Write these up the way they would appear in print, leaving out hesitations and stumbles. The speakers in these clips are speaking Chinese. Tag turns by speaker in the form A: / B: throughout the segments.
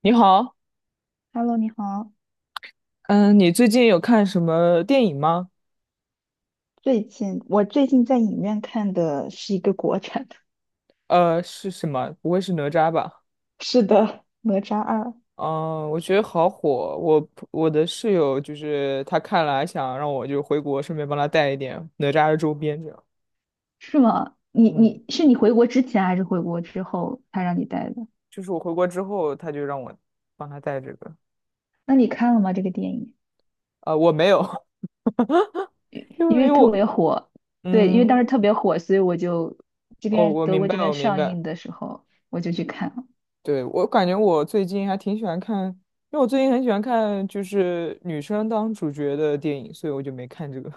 A: 你好，
B: Hello，你好。
A: 嗯，你最近有看什么电影吗？
B: 我最近在影院看的是一个国产的，
A: 是什么？不会是哪吒吧？
B: 是的，《哪吒二》。
A: 嗯，我觉得好火。我的室友就是他看了，还想让我就回国，顺便帮他带一点哪吒的周边，这样。
B: 是吗？你
A: 嗯，
B: 你是你回国之前还是回国之后他让你带的？
A: 就是我回国之后，他就让我帮他带这个。
B: 那你看了吗？这个电影，
A: 我没有。
B: 因
A: 因
B: 因
A: 为因
B: 为
A: 为
B: 特别
A: 我，
B: 火，对，因为当时
A: 嗯，
B: 特别火，所以我就这
A: 哦，
B: 边
A: 我
B: 德
A: 明
B: 国
A: 白，
B: 这边
A: 我明
B: 上
A: 白。
B: 映的时候我就去看了。
A: 对，我感觉我最近还挺喜欢看，因为我最近很喜欢看就是女生当主角的电影，所以我就没看这个。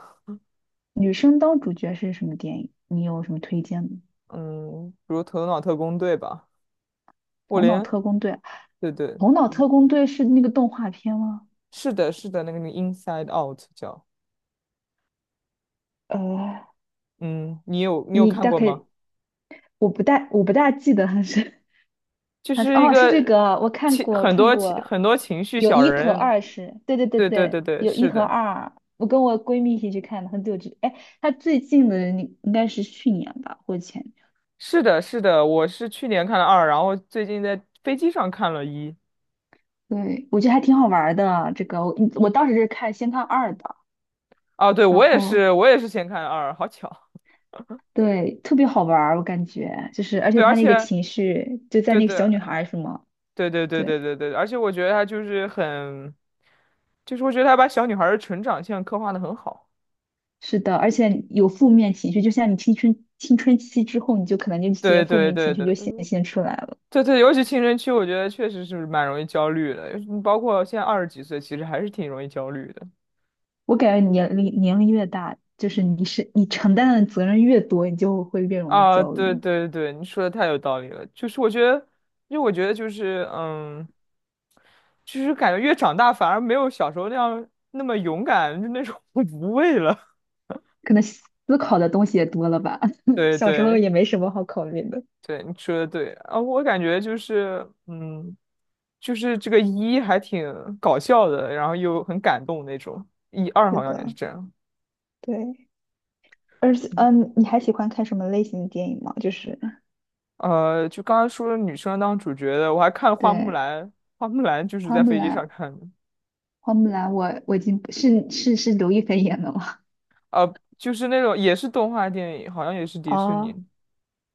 B: 女生当主角是什么电影？你有什么推荐吗？
A: 嗯，比如《头脑特工队》吧，我
B: 《头脑
A: 连，
B: 特工队》，
A: 对对，
B: 《头脑特工队》是那个动画片吗？
A: 是的，是的，那个《Inside Out》叫，
B: 呃，
A: 嗯，你有
B: 你
A: 看
B: 大
A: 过
B: 概
A: 吗？
B: 我不大记得他是，
A: 就是一
B: 哦，是这
A: 个
B: 个，我看
A: 情
B: 过我
A: 很
B: 看
A: 多情
B: 过，
A: 很多情绪
B: 有
A: 小
B: 一和
A: 人，
B: 二，是，对对对
A: 对对对
B: 对，
A: 对，
B: 有一
A: 是
B: 和
A: 的，
B: 二，我跟我闺蜜一起去看的，很久之哎，他最近的应该是去年吧或者前年，
A: 是的，是的，我是去年看了二，然后最近在飞机上看了一，
B: 对，我觉得还挺好玩儿的这个，我当时是先看二的，
A: 啊，对，
B: 然
A: 我也
B: 后
A: 是，我也是先看了二，好巧，
B: 对，特别好玩儿，我感觉就是，而且
A: 对，而
B: 他那个
A: 且，
B: 情绪就在
A: 对
B: 那个
A: 对
B: 小女孩儿是吗？
A: 对对对对
B: 对。
A: 对对，而且我觉得他就是很，就是我觉得他把小女孩儿的成长线刻画的很好。
B: 是的，而且有负面情绪，就像你青春期之后，你就可能这些
A: 对
B: 负
A: 对
B: 面
A: 对
B: 情绪
A: 对
B: 就显
A: 对
B: 现出来了。
A: 对对，尤其青春期，我觉得确实是蛮容易焦虑的，包括现在二十几岁，其实还是挺容易焦虑的。
B: 我感觉年龄越大，就是你承担的责任越多，你就会越容易
A: 啊，
B: 焦
A: 对
B: 虑，
A: 对对，你说的太有道理了。就是我觉得，因为我觉得就是，就是感觉越长大反而没有小时候那样那么勇敢，就那种 无畏了。
B: 可能思考的东西也多了吧。
A: 对
B: 小时候
A: 对
B: 也没什么好考虑的。
A: 对，你说的对啊，我感觉就是，就是这个一还挺搞笑的，然后又很感动那种，一二
B: 是
A: 好像也是
B: 的，
A: 这样。
B: 对。而且，
A: 嗯
B: 嗯，你还喜欢看什么类型的电影吗？就是，
A: 呃，就刚刚说的女生当主角的，我还看了《花木
B: 对，
A: 兰》，《花木兰》就是
B: 花
A: 在
B: 木
A: 飞机上
B: 兰，
A: 看的，
B: 花木兰，我已经不是刘亦菲演的吗？
A: 就是那种也是动画电影，好像也是迪士尼的。
B: 哦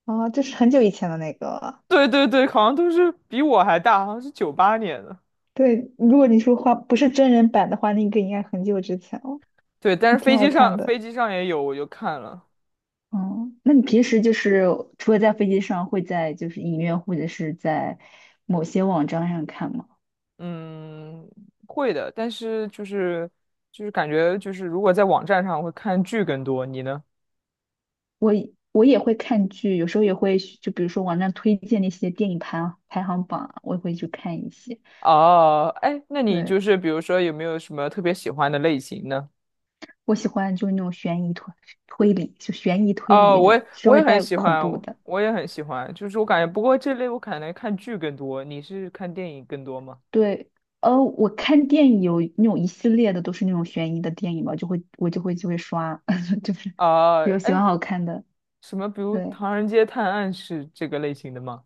B: 哦，就是很久以前的那个。
A: 对对对，好像都是比我还大，好像是98年的。
B: 对，如果你说画不是真人版的话，那个应该很久之前了，
A: 对，但是
B: 挺
A: 飞
B: 好
A: 机
B: 看
A: 上
B: 的。
A: 飞机上也有，我就看了。
B: 嗯，那你平时就是除了在飞机上，会在就是影院或者是在某些网站上看吗？
A: 嗯，会的，但是就是感觉就是如果在网站上会看剧更多，你呢？
B: 我也会看剧，有时候也会去就比如说网站推荐那些电影排行榜啊我也会去看一些。
A: 哦，哎，那你
B: 对，
A: 就是比如说有没有什么特别喜欢的类型呢？
B: 我喜欢就是那种悬疑推理，就悬疑推理
A: 哦，
B: 那
A: 我
B: 种
A: 也
B: 稍
A: 我也
B: 微
A: 很
B: 带
A: 喜
B: 恐
A: 欢，
B: 怖
A: 我
B: 的。
A: 我也很喜欢，就是我感觉，不过这类我可能看剧更多，你是看电影更多吗？
B: 对，我看电影有那种一系列的都是那种悬疑的电影吧，我就会刷，就是
A: 啊、
B: 比有喜欢
A: 哎，
B: 好看的。
A: 什么，比如
B: 对，
A: 《唐人街探案》是这个类型的吗？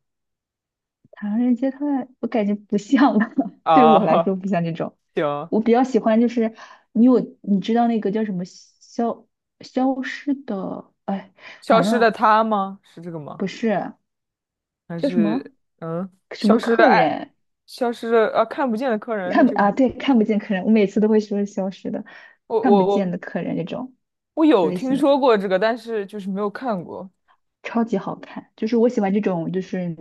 B: 《唐人街探案》我感觉不像吧 对我来
A: 啊、
B: 说不像这种。
A: 行，
B: 我比较喜欢就是，你知道那个叫什么，消失的，哎，
A: 《消
B: 完
A: 失的
B: 了，
A: 她》吗？是这个吗？
B: 不是，
A: 还
B: 叫什么，
A: 是嗯，
B: 什
A: 《消
B: 么
A: 失的
B: 客
A: 爱》，
B: 人，
A: 消失的啊，看不见的客人是
B: 看不
A: 这个吗？
B: 啊？对，看不见客人，我每次都会说消失的，
A: 我
B: 看不
A: 我
B: 见
A: 我
B: 的客人这种
A: 我有
B: 类
A: 听
B: 型的。
A: 说过这个，但是就是没有看过。
B: 超级好看，就是我喜欢这种，就是，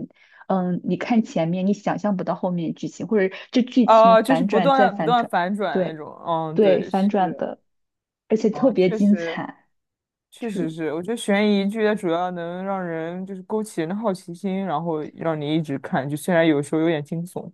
B: 嗯，你看前面，你想象不到后面剧情，或者这剧情
A: 啊、就是
B: 反
A: 不
B: 转再
A: 断不
B: 反
A: 断
B: 转，
A: 反转那
B: 对
A: 种。嗯，
B: 对，
A: 对，是
B: 反转
A: 的。
B: 的，而且特
A: 啊，
B: 别
A: 确
B: 精
A: 实。
B: 彩，就
A: 确实
B: 是
A: 是，我觉得悬疑剧它主要能让人就是勾起人的好奇心，然后让你一直看，就虽然有时候有点惊悚。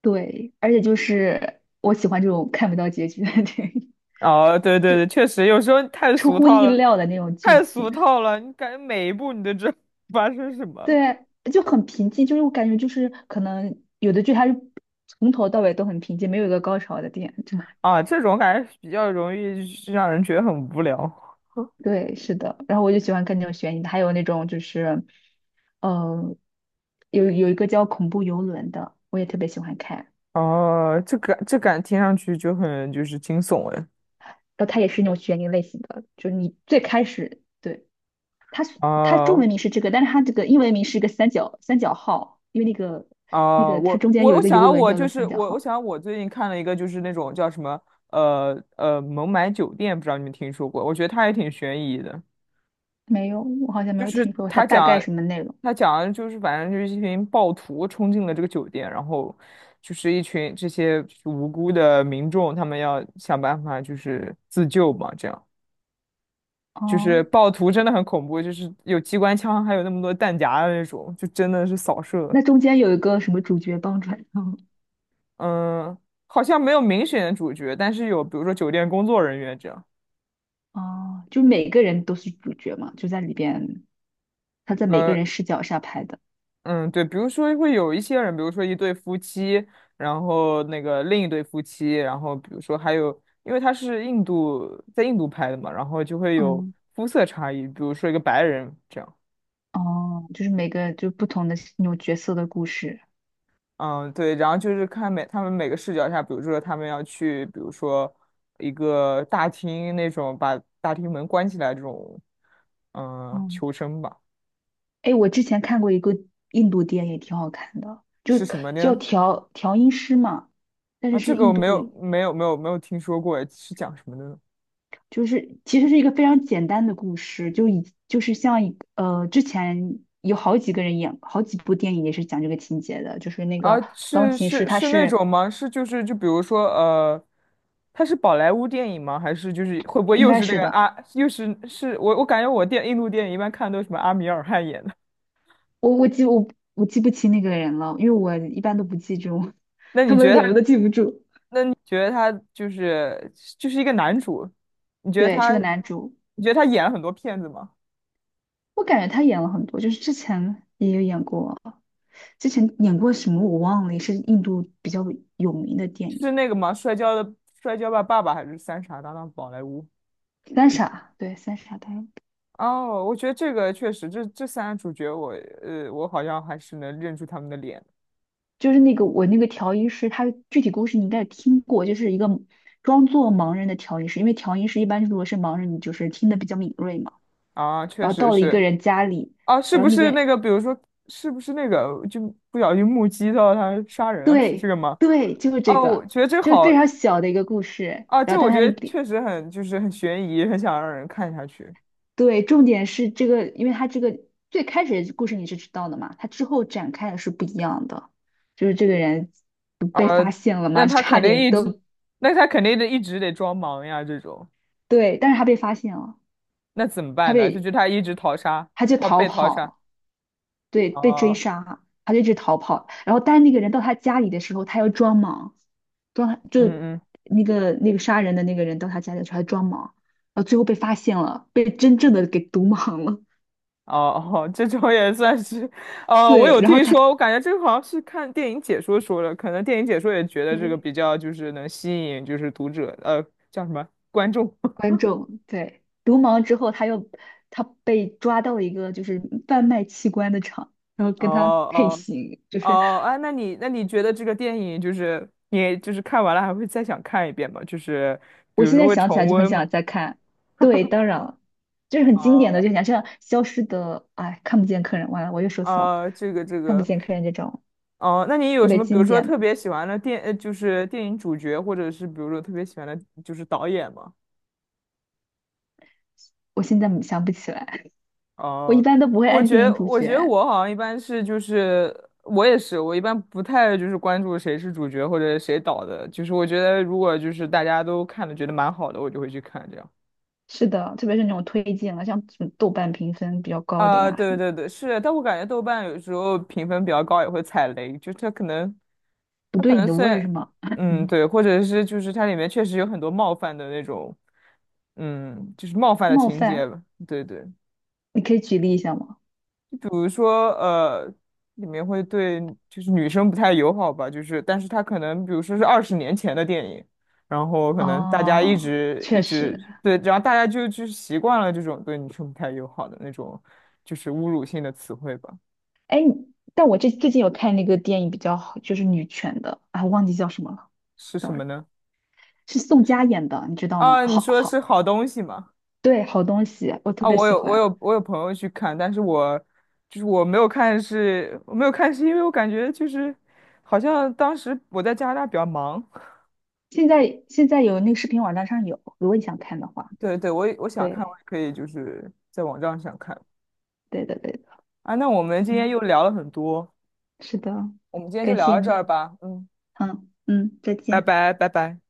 B: 对，而且就是我喜欢这种看不到结局的电影，
A: 啊，对对对，确实有时候 太
B: 出
A: 俗
B: 乎
A: 套
B: 意
A: 了，
B: 料的那种剧
A: 太俗
B: 情，
A: 套了，你感觉每一步你都知道 发生什么。
B: 对，就很平静，就是我感觉就是可能有的剧它是从头到尾都很平静，没有一个高潮的点，
A: 啊，这种感觉比较容易是让人觉得很无聊。
B: 对，是的。然后我就喜欢看那种悬疑的，还有那种就是，呃，有一个叫《恐怖游轮》的，我也特别喜欢看。
A: 啊。这感这感听上去就是惊悚哎。
B: 然后它也是那种悬疑类型的，就是你最开始对，它中
A: 啊
B: 文名是这个，但是它这个英文名是一个三角号，因为那个那
A: 啊、
B: 个它
A: 我
B: 中间
A: 我
B: 有一
A: 我
B: 个
A: 想
B: 游
A: 要
B: 轮
A: 我
B: 叫
A: 就
B: 做
A: 是
B: 三角
A: 我我
B: 号。
A: 想要我最近看了一个就是那种叫什么《孟买酒店》，不知道你们听说过？我觉得它也挺悬疑的，
B: 没有，我好像没
A: 就
B: 有
A: 是
B: 听说过它
A: 他
B: 大概
A: 讲
B: 什么内容。
A: 他讲的就是反正就是一群暴徒冲进了这个酒店，然后就是一群这些就是无辜的民众，他们要想办法就是自救嘛，这样就是
B: 哦，
A: 暴徒真的很恐怖，就是有机关枪，还有那么多弹夹的那种，就真的是扫射。
B: 那中间有一个什么主角帮转？
A: 嗯，好像没有明显的主角，但是有比如说酒店工作人员这样。
B: 哦，就每个人都是主角嘛，就在里边。他在每个
A: 呃，
B: 人视角下拍的。
A: 嗯，对，比如说会有一些人，比如说一对夫妻，然后那个另一对夫妻，然后比如说还有，因为它是印度，在印度拍的嘛，然后就会有
B: 嗯，
A: 肤色差异，比如说一个白人这样。
B: 哦，就是每个就不同的那种角色的故事。
A: 嗯，对，然后就是看他们每个视角下，比如说他们要去，比如说一个大厅那种把大厅门关起来这种，嗯、
B: 哦，
A: 求生吧，
B: 哎，我之前看过一个印度电影，挺好看的，就
A: 是什么
B: 叫
A: 呢？
B: 调音师嘛，但是
A: 啊，这
B: 是
A: 个我
B: 印度，
A: 没有听说过，哎，是讲什么的呢？
B: 就是其实是一个非常简单的故事，就是像一个，之前有好几个人演好几部电影也是讲这个情节的，就是那
A: 啊，
B: 个钢
A: 是
B: 琴师，
A: 是
B: 他
A: 是那
B: 是
A: 种吗？就比如说它是宝莱坞电影吗？还是就是会不会
B: 应
A: 又
B: 该
A: 是那
B: 是
A: 个
B: 的。
A: 阿、又是我感觉印度电影一般看都是什么阿米尔汗演的。
B: 我我记我我记不清那个人了，因为我一般都不记住
A: 那
B: 他
A: 你
B: 们的
A: 觉得
B: 脸我
A: 他？
B: 都记不住。
A: 那你觉得他就是一个男主？你觉得
B: 对，是
A: 他？
B: 个男主，
A: 你觉得他演了很多骗子吗？
B: 我感觉他演了很多，就是之前也有演过，之前演过什么我忘了，也是印度比较有名的电
A: 是
B: 影
A: 那个吗？摔跤吧爸爸还是三傻大闹宝莱坞？
B: 《三傻》。对，《三傻》他
A: 哦，我觉得这个确实，这三个主角我，我好像还是能认出他们的脸。
B: 就是我那个调音师，他具体故事你应该也听过，就是一个装作盲人的调音师，因为调音师一般如果是盲人，你就是听得比较敏锐嘛。
A: 啊，确
B: 然后
A: 实
B: 到了一个
A: 是
B: 人家里，
A: 啊，是
B: 然
A: 不
B: 后那
A: 是
B: 个，
A: 那个，比如说，是不是那个，就不小心目击到他杀人了，是这
B: 对
A: 个吗？
B: 对，就是这
A: 哦，我
B: 个，
A: 觉得这
B: 就是
A: 好。
B: 非常小的一个故事。
A: 啊，
B: 然
A: 这
B: 后，但
A: 我
B: 他
A: 觉
B: 那个，
A: 得确实很，就是很悬疑，很想让人看下去。
B: 对，重点是这个，因为他这个最开始的故事你是知道的嘛，他之后展开的是不一样的。就是这个人不
A: 啊。
B: 被发现了
A: 那
B: 嘛，就
A: 他
B: 差
A: 肯定
B: 点
A: 一直，
B: 都，
A: 那他肯定得一直得装忙呀，这种，
B: 对，但是他被发现了，
A: 那怎么
B: 他
A: 办呢？就
B: 被
A: 是他一直逃杀，
B: 他就
A: 他
B: 逃
A: 被逃杀。
B: 跑，对，被追
A: 哦，
B: 杀，他就一直逃跑。然后，但是那个人到他家里的时候，他要装莽，就
A: 嗯嗯。
B: 那个杀人的那个人到他家里去还装盲，然后最后被发现了，被真正的给毒盲了。
A: 哦哦，这种也算是，我
B: 对，
A: 有
B: 然后
A: 听
B: 他
A: 说，我感觉这个好像是看电影解说说的，可能电影解说也觉得这个
B: 对，
A: 比较就是能吸引就是读者，叫什么观众。
B: 观众，对，毒盲之后，他被抓到了一个就是贩卖器官的厂，然后
A: 哦
B: 跟他配
A: 哦
B: 型，就是
A: 哦，哎，那你觉得这个电影就是你就是看完了还会再想看一遍吗？就是比
B: 我
A: 如
B: 现
A: 说
B: 在
A: 会
B: 想起
A: 重
B: 来就很
A: 温吗？
B: 想再看。对，当然了，就是很经典的，
A: 哦
B: 就想像消失的，哎，看不见客人，完了我又说错了，
A: 啊，这个这
B: 看不
A: 个，
B: 见客人这种
A: 哦，那你
B: 特
A: 有什
B: 别
A: 么比如
B: 经
A: 说
B: 典，
A: 特别喜欢的就是电影主角，或者是比如说特别喜欢的就是导演吗？
B: 我现在想不起来。我一
A: 哦，
B: 般都不会
A: 我
B: 按
A: 觉
B: 电影
A: 得，
B: 主
A: 我觉得
B: 角。
A: 我好像一般是就是，我也是，我一般不太就是关注谁是主角或者谁导的，就是我觉得如果就是大家都看的觉得蛮好的，我就会去看这样。
B: 是的，特别是那种推荐了，像什么豆瓣评分比较高的
A: 啊、
B: 呀，什
A: 对
B: 么
A: 对对，是，但我感觉豆瓣有时候评分比较高也会踩雷，就它可能，
B: 不
A: 它可
B: 对你
A: 能
B: 的
A: 虽
B: 味儿是
A: 然，
B: 吗？
A: 嗯，
B: 嗯，
A: 对，或者是就是它里面确实有很多冒犯的那种，嗯，就是冒犯的
B: 冒
A: 情节
B: 犯，
A: 吧，对对。
B: 你可以举例一下吗？
A: 比如说里面会对就是女生不太友好吧，就是但是它可能比如说是20年前的电影，然后可能大家一
B: 哦，
A: 直
B: 确
A: 一直
B: 实，
A: 对，然后大家就习惯了这种对女生不太友好的那种就是侮辱性的词汇吧，
B: 哎，你但我这最近有看那个电影比较好，就是女权的啊，忘记叫什么了
A: 是什么
B: ，sorry，
A: 呢？
B: 是宋佳演的，你知道吗？
A: 啊，你
B: 好
A: 说是
B: 好，
A: 好东西吗？
B: 对，好东西，我特
A: 啊，
B: 别
A: 我
B: 喜
A: 有我
B: 欢。
A: 有我有朋友去看，但是我就是我没有看是，我没有看是因为我感觉就是好像当时我在加拿大比较忙，
B: 现在有那个视频网站上有，如果你想看的话，
A: 对对，我也想看，
B: 对，
A: 我也可以就是在网站上看。
B: 对的对的，
A: 啊。那我们今
B: 嗯，
A: 天又聊了很多，
B: 是的，
A: 我们今天就
B: 感
A: 聊
B: 谢
A: 到这
B: 你。
A: 儿吧。嗯，
B: 嗯嗯，再
A: 拜
B: 见。
A: 拜，拜拜。